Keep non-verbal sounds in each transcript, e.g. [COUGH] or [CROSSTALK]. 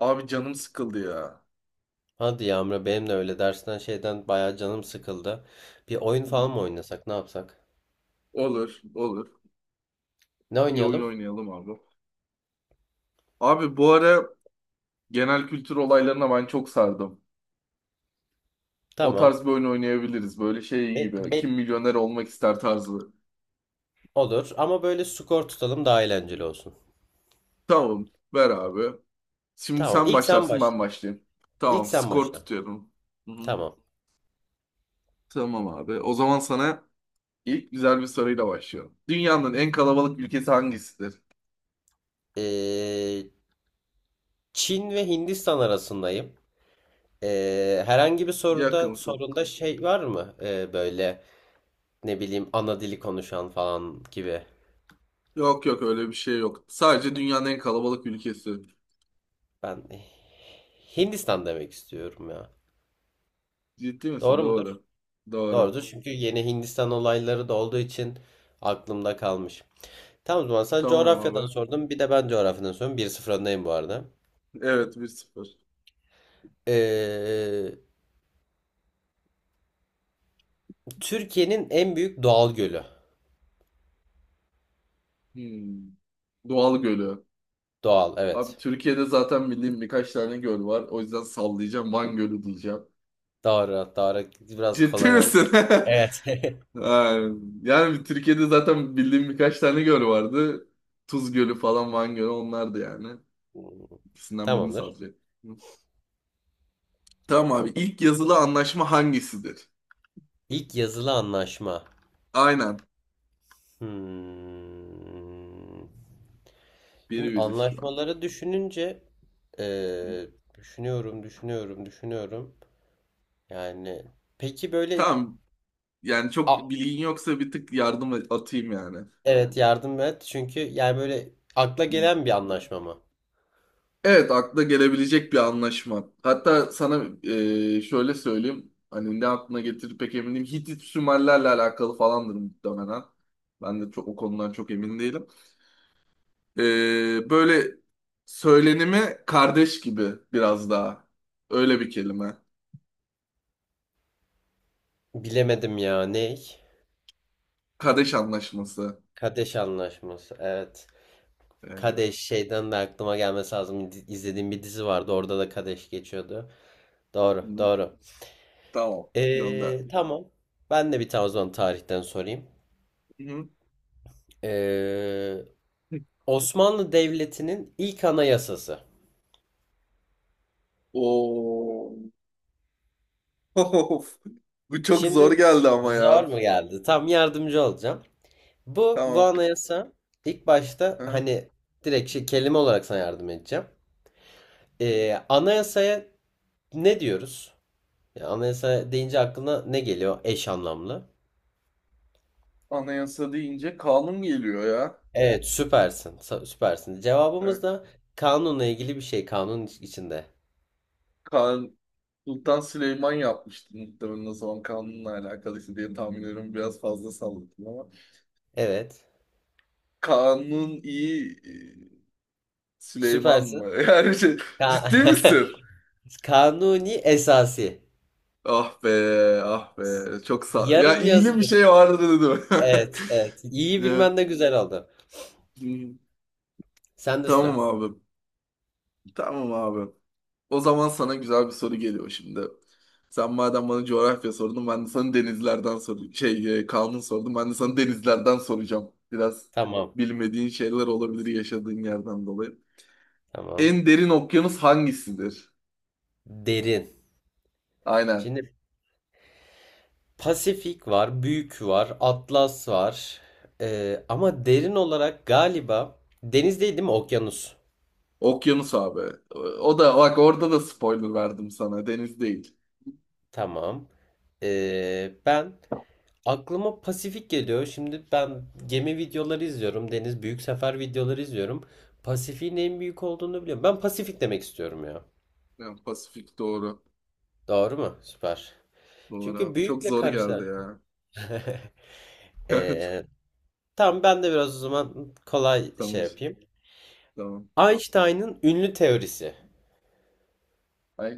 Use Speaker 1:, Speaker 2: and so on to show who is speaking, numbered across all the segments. Speaker 1: Abi canım sıkıldı ya.
Speaker 2: Hadi yağmura benim de öyle dersten şeyden bayağı canım sıkıldı. Bir oyun
Speaker 1: Hı hı.
Speaker 2: falan mı oynasak ne yapsak?
Speaker 1: Olur, olur.
Speaker 2: Ne
Speaker 1: Bir oyun
Speaker 2: oynayalım?
Speaker 1: oynayalım abi. Abi bu ara genel kültür olaylarına ben çok sardım. O
Speaker 2: Tamam.
Speaker 1: tarz bir oyun oynayabiliriz. Böyle şey
Speaker 2: Be,
Speaker 1: gibi. Kim
Speaker 2: be-
Speaker 1: milyoner olmak ister tarzı.
Speaker 2: olur ama böyle skor tutalım daha eğlenceli olsun.
Speaker 1: Tamam, ver abi. Şimdi
Speaker 2: Tamam
Speaker 1: sen
Speaker 2: ilk sen
Speaker 1: başlarsın, ben
Speaker 2: başla.
Speaker 1: başlayayım.
Speaker 2: İlk
Speaker 1: Tamam,
Speaker 2: sen
Speaker 1: skor
Speaker 2: başla.
Speaker 1: tutuyorum. Hı hı.
Speaker 2: Tamam.
Speaker 1: Tamam abi. O zaman sana ilk güzel bir soruyla başlıyorum. Dünyanın en kalabalık ülkesi hangisidir?
Speaker 2: Ee, Çin ve Hindistan arasındayım. Herhangi bir soruda
Speaker 1: Yakınsın.
Speaker 2: sorunda şey var mı? Böyle ne bileyim ana dili konuşan falan gibi.
Speaker 1: Yok yok, öyle bir şey yok. Sadece dünyanın en kalabalık ülkesi.
Speaker 2: Ben Hindistan demek istiyorum ya.
Speaker 1: Ciddi misin?
Speaker 2: Doğru mudur?
Speaker 1: Doğru. Doğru.
Speaker 2: Doğrudur çünkü yeni Hindistan olayları da olduğu için aklımda kalmış. Tamam, o zaman sen
Speaker 1: Tamam
Speaker 2: coğrafyadan
Speaker 1: abi.
Speaker 2: sordun, bir de ben coğrafyadan sordum. Bir 0 öndeyim bu arada.
Speaker 1: Evet, 1-0.
Speaker 2: Ee, Türkiye'nin en büyük doğal gölü.
Speaker 1: Hmm. Doğal gölü.
Speaker 2: Doğal,
Speaker 1: Abi
Speaker 2: evet.
Speaker 1: Türkiye'de zaten bildiğim birkaç tane göl var. O yüzden sallayacağım. Van Gölü diyeceğim.
Speaker 2: Doğru doğru, biraz
Speaker 1: Ciddi
Speaker 2: kolay oldu.
Speaker 1: misin? [LAUGHS]
Speaker 2: Evet.
Speaker 1: Ha, yani Türkiye'de zaten bildiğim birkaç tane göl vardı. Tuz Gölü falan Van Gölü onlardı yani.
Speaker 2: [LAUGHS]
Speaker 1: İkisinden birini
Speaker 2: Tamamdır.
Speaker 1: sallayacağım. Tamam abi. İlk yazılı anlaşma hangisidir?
Speaker 2: İlk yazılı anlaşma.
Speaker 1: Aynen.
Speaker 2: Hmm. Şimdi
Speaker 1: Birbiriz şu an.
Speaker 2: anlaşmaları düşününce eee, düşünüyorum, düşünüyorum, düşünüyorum. Yani peki böyle.
Speaker 1: Tamam. Yani çok
Speaker 2: a-
Speaker 1: bilgin yoksa bir tık yardım atayım yani.
Speaker 2: Evet, yardım et. Çünkü yani böyle akla gelen bir anlaşma mı?
Speaker 1: Evet, akla gelebilecek bir anlaşma. Hatta sana şöyle söyleyeyim. Hani ne aklına getirir pek emin değilim. Hitit Sümerlerle alakalı falandır muhtemelen. Ben de o konudan çok emin değilim. Böyle söylenimi kardeş gibi biraz daha. Öyle bir kelime.
Speaker 2: Bilemedim ya, ne?
Speaker 1: Kardeş anlaşması.
Speaker 2: Kadeş anlaşması. Evet.
Speaker 1: E, hı
Speaker 2: Kadeş şeyden de aklıma gelmesi lazım. İzlediğim bir dizi vardı. Orada da Kadeş geçiyordu. Doğru, doğru.
Speaker 1: tamam. Gönder.
Speaker 2: Tamam. Ben de bir tane o zaman tarihten sorayım.
Speaker 1: Hı
Speaker 2: Ee, Osmanlı Devleti'nin ilk anayasası.
Speaker 1: Oo. [LAUGHS] Bu çok zor
Speaker 2: Şimdi,
Speaker 1: geldi ama
Speaker 2: zor
Speaker 1: ya.
Speaker 2: mu geldi? Tam yardımcı olacağım. Bu
Speaker 1: Tamam.
Speaker 2: anayasa ilk başta hani direkt şey, kelime olarak sana yardım edeceğim.
Speaker 1: Hı.
Speaker 2: Anayasaya ne diyoruz? Yani anayasa deyince aklına ne geliyor, eş anlamlı?
Speaker 1: Anayasa deyince kanun geliyor ya.
Speaker 2: Evet süpersin, süpersin.
Speaker 1: Yani
Speaker 2: Cevabımız da kanunla ilgili bir şey, kanun içinde.
Speaker 1: kan, Sultan Süleyman yapmıştı muhtemelen, o zaman kanunla alakalıydı diye tahmin ediyorum. Biraz fazla salladım ama.
Speaker 2: Evet
Speaker 1: Kanun iyi, Süleyman
Speaker 2: süpersin.
Speaker 1: mı? [LAUGHS] Yani şey, ciddi
Speaker 2: Ka-
Speaker 1: misin?
Speaker 2: [LAUGHS] Kanuni esası.
Speaker 1: Ah be, ah be. Çok sağ... Ya
Speaker 2: Yarım
Speaker 1: iyili bir
Speaker 2: yazılı.
Speaker 1: şey vardı dedim.
Speaker 2: Evet,
Speaker 1: [LAUGHS]
Speaker 2: evet, İyi
Speaker 1: Ya,
Speaker 2: bilmen de güzel oldu.
Speaker 1: hı,
Speaker 2: Sen de
Speaker 1: Tamam
Speaker 2: sıra.
Speaker 1: abi. Tamam abi. O zaman sana güzel bir soru geliyor şimdi. Sen madem bana coğrafya sordun, ben de sana denizlerden sordum. Kanun sordum, ben de sana denizlerden soracağım. Biraz
Speaker 2: Tamam,
Speaker 1: bilmediğin şeyler olabilir yaşadığın yerden dolayı.
Speaker 2: tamam.
Speaker 1: En derin okyanus hangisidir?
Speaker 2: Derin.
Speaker 1: Aynen.
Speaker 2: Şimdi Pasifik var, Büyük var, Atlas var. Ama derin olarak galiba deniz değil, değil mi? Okyanus.
Speaker 1: Okyanus abi. O da bak, orada da spoiler verdim sana. Deniz değil.
Speaker 2: Tamam. Ben aklıma Pasifik geliyor. Şimdi ben gemi videoları izliyorum. Deniz büyük sefer videoları izliyorum. Pasifik'in en büyük olduğunu biliyorum. Ben Pasifik demek istiyorum ya.
Speaker 1: Yani Pasifik doğru.
Speaker 2: Doğru mu? Süper.
Speaker 1: Doğru
Speaker 2: Çünkü
Speaker 1: abi. Çok
Speaker 2: büyükle
Speaker 1: zor geldi
Speaker 2: karışlar.
Speaker 1: ya.
Speaker 2: [LAUGHS]
Speaker 1: [LAUGHS]
Speaker 2: Ee, tamam ben de biraz o zaman kolay şey
Speaker 1: Tamam.
Speaker 2: yapayım.
Speaker 1: Tamam.
Speaker 2: Einstein'ın ünlü teorisi.
Speaker 1: Ay,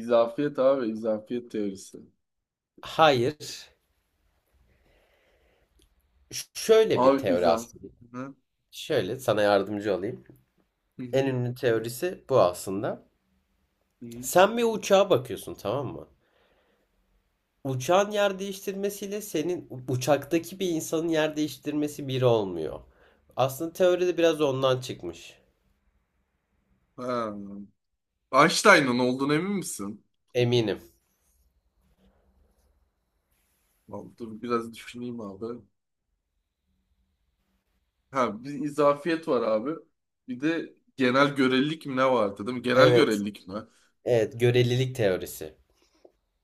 Speaker 1: izafiyet abi. İzafiyet teorisi.
Speaker 2: Hayır. Şöyle bir
Speaker 1: Abi
Speaker 2: teori
Speaker 1: izah.
Speaker 2: aslında. Şöyle sana yardımcı olayım.
Speaker 1: Hı
Speaker 2: En
Speaker 1: hı.
Speaker 2: ünlü teorisi bu aslında.
Speaker 1: Hı hı.
Speaker 2: Sen bir uçağa bakıyorsun, tamam mı? Uçağın yer değiştirmesiyle senin uçaktaki bir insanın yer değiştirmesi biri olmuyor. Aslında teoride biraz ondan çıkmış.
Speaker 1: Ha. Einstein'ın olduğunu emin misin?
Speaker 2: Eminim.
Speaker 1: Vallahi dur biraz düşüneyim abi. Ha, bir izafiyet var abi. Bir de genel görelilik mi ne vardı değil mi? Genel
Speaker 2: Evet.
Speaker 1: görelilik mi?
Speaker 2: Evet, görelilik teorisi.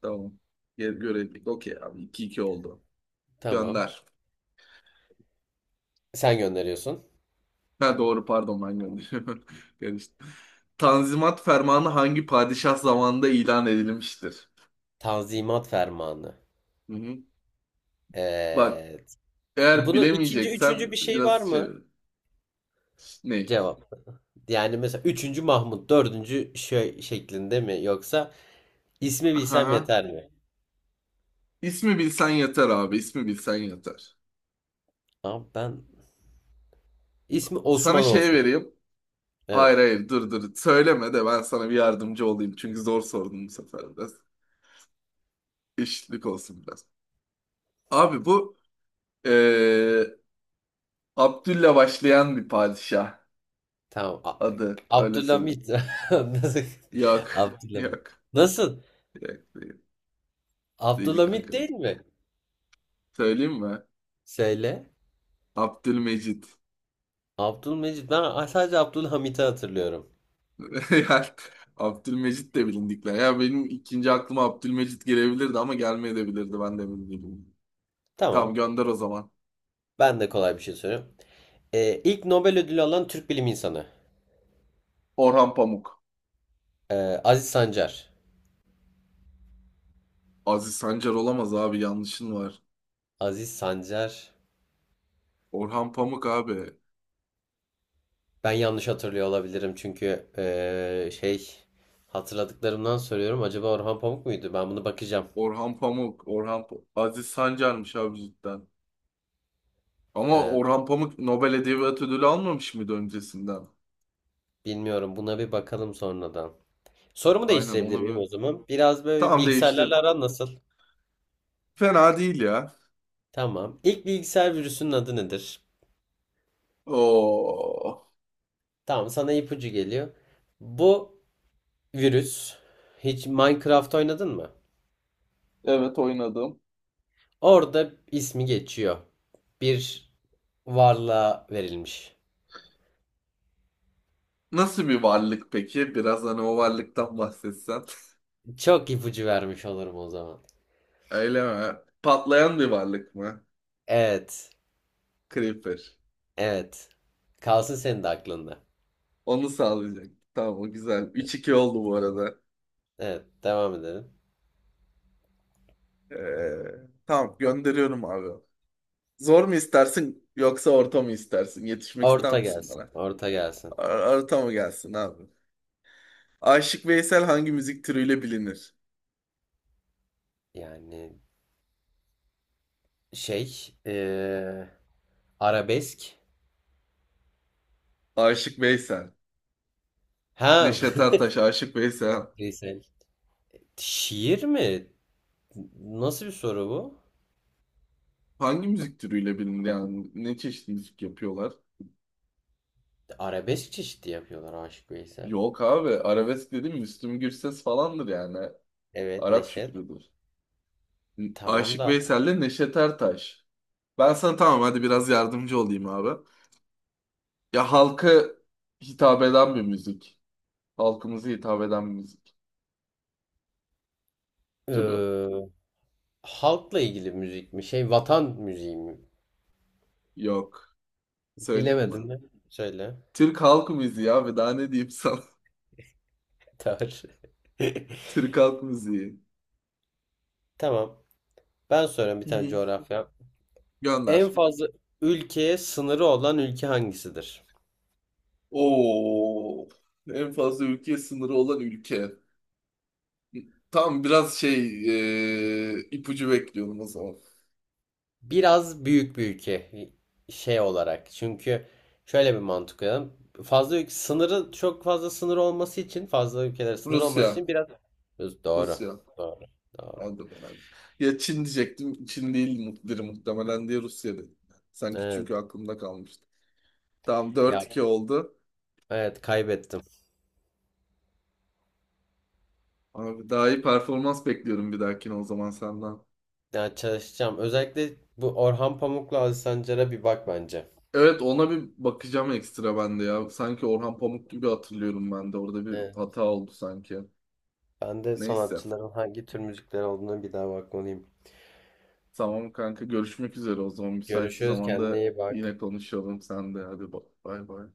Speaker 1: Tamam. Görelilik okey abi, iki 2 oldu.
Speaker 2: Tamam.
Speaker 1: Gönder.
Speaker 2: Sen gönderiyorsun.
Speaker 1: Ha doğru, pardon, ben gönderiyorum. [LAUGHS] Karıştı. Tanzimat Fermanı hangi padişah zamanında ilan edilmiştir?
Speaker 2: Tanzimat fermanı.
Speaker 1: Hı hı. Bak,
Speaker 2: Evet.
Speaker 1: eğer
Speaker 2: Bunun ikinci,
Speaker 1: bilemeyeceksen
Speaker 2: üçüncü bir şey var
Speaker 1: biraz şey
Speaker 2: mı?
Speaker 1: ne?
Speaker 2: Cevap. Yani mesela üçüncü Mahmut, dördüncü şey şeklinde mi, yoksa ismi bilsem
Speaker 1: Aha.
Speaker 2: yeter mi?
Speaker 1: İsmi bilsen yeter abi. İsmi bilsen yeter.
Speaker 2: Abi ben, ismi
Speaker 1: Sana
Speaker 2: Osman
Speaker 1: şey
Speaker 2: olsun.
Speaker 1: vereyim. Hayır
Speaker 2: Evet.
Speaker 1: hayır, dur dur. Söyleme de ben sana bir yardımcı olayım. Çünkü zor sordum bu sefer biraz. Eşitlik olsun biraz. Abi bu eee Abdül'le başlayan bir padişah
Speaker 2: Tamam.
Speaker 1: adı. Öyle söyleyeyim.
Speaker 2: Abdülhamit. [LAUGHS] Nasıl?
Speaker 1: Yok.
Speaker 2: Abdülhamit.
Speaker 1: Yok.
Speaker 2: Nasıl?
Speaker 1: Yok değil. Değil
Speaker 2: Abdülhamit
Speaker 1: kanka.
Speaker 2: değil mi?
Speaker 1: Söyleyeyim mi?
Speaker 2: Söyle.
Speaker 1: Abdülmecit.
Speaker 2: Abdülmecid. Ben sadece Abdülhamit'i hatırlıyorum.
Speaker 1: [LAUGHS] Yani Abdülmecit de bilindikler. Ya benim ikinci aklıma Abdülmecit gelebilirdi ama gelmeyebilirdi. Ben de emin değilim. Tamam,
Speaker 2: Tamam.
Speaker 1: gönder o zaman.
Speaker 2: Ben de kolay bir şey soruyorum. İlk Nobel ödülü alan Türk bilim insanı.
Speaker 1: Orhan Pamuk.
Speaker 2: Ee, Aziz Sancar.
Speaker 1: Aziz Sancar olamaz abi, yanlışın var.
Speaker 2: Aziz Sancar.
Speaker 1: Orhan Pamuk abi.
Speaker 2: Ben yanlış hatırlıyor olabilirim çünkü şey, hatırladıklarımdan söylüyorum. Acaba Orhan Pamuk muydu? Ben bunu bakacağım.
Speaker 1: Orhan Pamuk. Aziz Sancar'mış abi cidden. Ama
Speaker 2: Evet,
Speaker 1: Orhan Pamuk Nobel Edebiyat Ödülü almamış mıydı öncesinden?
Speaker 2: bilmiyorum. Buna bir bakalım sonradan. Sorumu
Speaker 1: Aynen
Speaker 2: değiştirebilir
Speaker 1: onu
Speaker 2: miyim
Speaker 1: bir...
Speaker 2: o zaman? Biraz böyle
Speaker 1: Tamam, değiştir.
Speaker 2: bilgisayarlarla aran nasıl?
Speaker 1: Fena değil ya.
Speaker 2: Tamam. İlk bilgisayar virüsünün adı nedir?
Speaker 1: Oo.
Speaker 2: Tamam, sana ipucu geliyor. Bu virüs, hiç Minecraft oynadın mı?
Speaker 1: Evet, oynadım.
Speaker 2: Orada ismi geçiyor. Bir varlığa verilmiş.
Speaker 1: Nasıl bir varlık peki? Biraz hani o varlıktan bahsetsen. [LAUGHS]
Speaker 2: Çok ipucu vermiş olurum o zaman.
Speaker 1: Öyle mi? Patlayan bir varlık mı?
Speaker 2: Evet.
Speaker 1: Creeper.
Speaker 2: Evet. Kalsın senin de aklında.
Speaker 1: Onu sağlayacak. Tamam, o güzel. 3-2 oldu bu arada.
Speaker 2: Evet, devam edelim.
Speaker 1: Ee, tamam, gönderiyorum abi. Zor mu istersin yoksa orta mı istersin? Yetişmek ister
Speaker 2: Orta
Speaker 1: misin
Speaker 2: gelsin.
Speaker 1: bana?
Speaker 2: Orta gelsin.
Speaker 1: Orta mı gelsin abi? Aşık Veysel hangi müzik türüyle bilinir?
Speaker 2: Yani şey, arabesk.
Speaker 1: Aşık Veysel.
Speaker 2: Ha.
Speaker 1: Neşet
Speaker 2: [LAUGHS]
Speaker 1: Ertaş, Aşık Veysel.
Speaker 2: Lisel. Şiir mi? Nasıl bir soru bu?
Speaker 1: Hangi müzik türüyle bilinir yani? Ne çeşit müzik yapıyorlar?
Speaker 2: Arabesk çeşidi yapıyorlar Aşık Veysel.
Speaker 1: Yok abi. Arabesk dedim, Müslüm Gürses falandır yani.
Speaker 2: Evet,
Speaker 1: Arap
Speaker 2: Neşet.
Speaker 1: şükrüdür.
Speaker 2: Tamam
Speaker 1: Aşık
Speaker 2: da
Speaker 1: Veysel'le Neşet Ertaş. Ben sana tamam, hadi biraz yardımcı olayım abi. Ya, halka hitap eden bir müzik. Halkımıza hitap eden bir müzik türü.
Speaker 2: eee, halkla ilgili müzik mi? Şey, vatan müziği mi?
Speaker 1: Yok. Söyleyeyim mi?
Speaker 2: Bilemedim de. Söyle.
Speaker 1: Türk halk müziği abi, daha ne diyeyim sana?
Speaker 2: [LAUGHS] Tar. [LAUGHS]
Speaker 1: [LAUGHS] Türk halk müziği.
Speaker 2: Tamam. Ben soruyorum bir
Speaker 1: Hı
Speaker 2: tane
Speaker 1: hı.
Speaker 2: coğrafya. En
Speaker 1: Gönder.
Speaker 2: fazla ülkeye sınırı olan ülke hangisidir?
Speaker 1: Oo. En fazla ülke sınırı olan ülke. Tam biraz ipucu bekliyorum o zaman.
Speaker 2: Biraz büyük bir ülke şey olarak. Çünkü şöyle bir mantık koyalım. Fazla ülke sınırı, çok fazla sınır olması için, fazla ülkelere sınır olması
Speaker 1: Rusya.
Speaker 2: için biraz doğru.
Speaker 1: Rusya.
Speaker 2: Doğru. Doğru.
Speaker 1: Aldım yani. Ya Çin diyecektim. Çin değil biri muhtemelen diye Rusya dedim. Sanki çünkü
Speaker 2: Evet.
Speaker 1: aklımda kalmıştı. Tamam, dört
Speaker 2: Ya,
Speaker 1: iki oldu.
Speaker 2: evet kaybettim.
Speaker 1: Abi, daha iyi performans bekliyorum bir dahakine o zaman senden.
Speaker 2: Ya, çalışacağım. Özellikle bu Orhan Pamuk'la Aziz Sancar'a bir bak bence.
Speaker 1: Evet, ona bir bakacağım ekstra ben de ya. Sanki Orhan Pamuk gibi hatırlıyorum ben de. Orada bir
Speaker 2: Evet.
Speaker 1: hata oldu sanki.
Speaker 2: Ben de
Speaker 1: Neyse.
Speaker 2: sanatçıların hangi tür müzikleri olduğuna bir daha bakmalıyım.
Speaker 1: Tamam kanka, görüşmek üzere o zaman. Müsait bir
Speaker 2: Görüşürüz.
Speaker 1: zamanda
Speaker 2: Kendine iyi bak.
Speaker 1: yine konuşalım sen de. Hadi bay bay.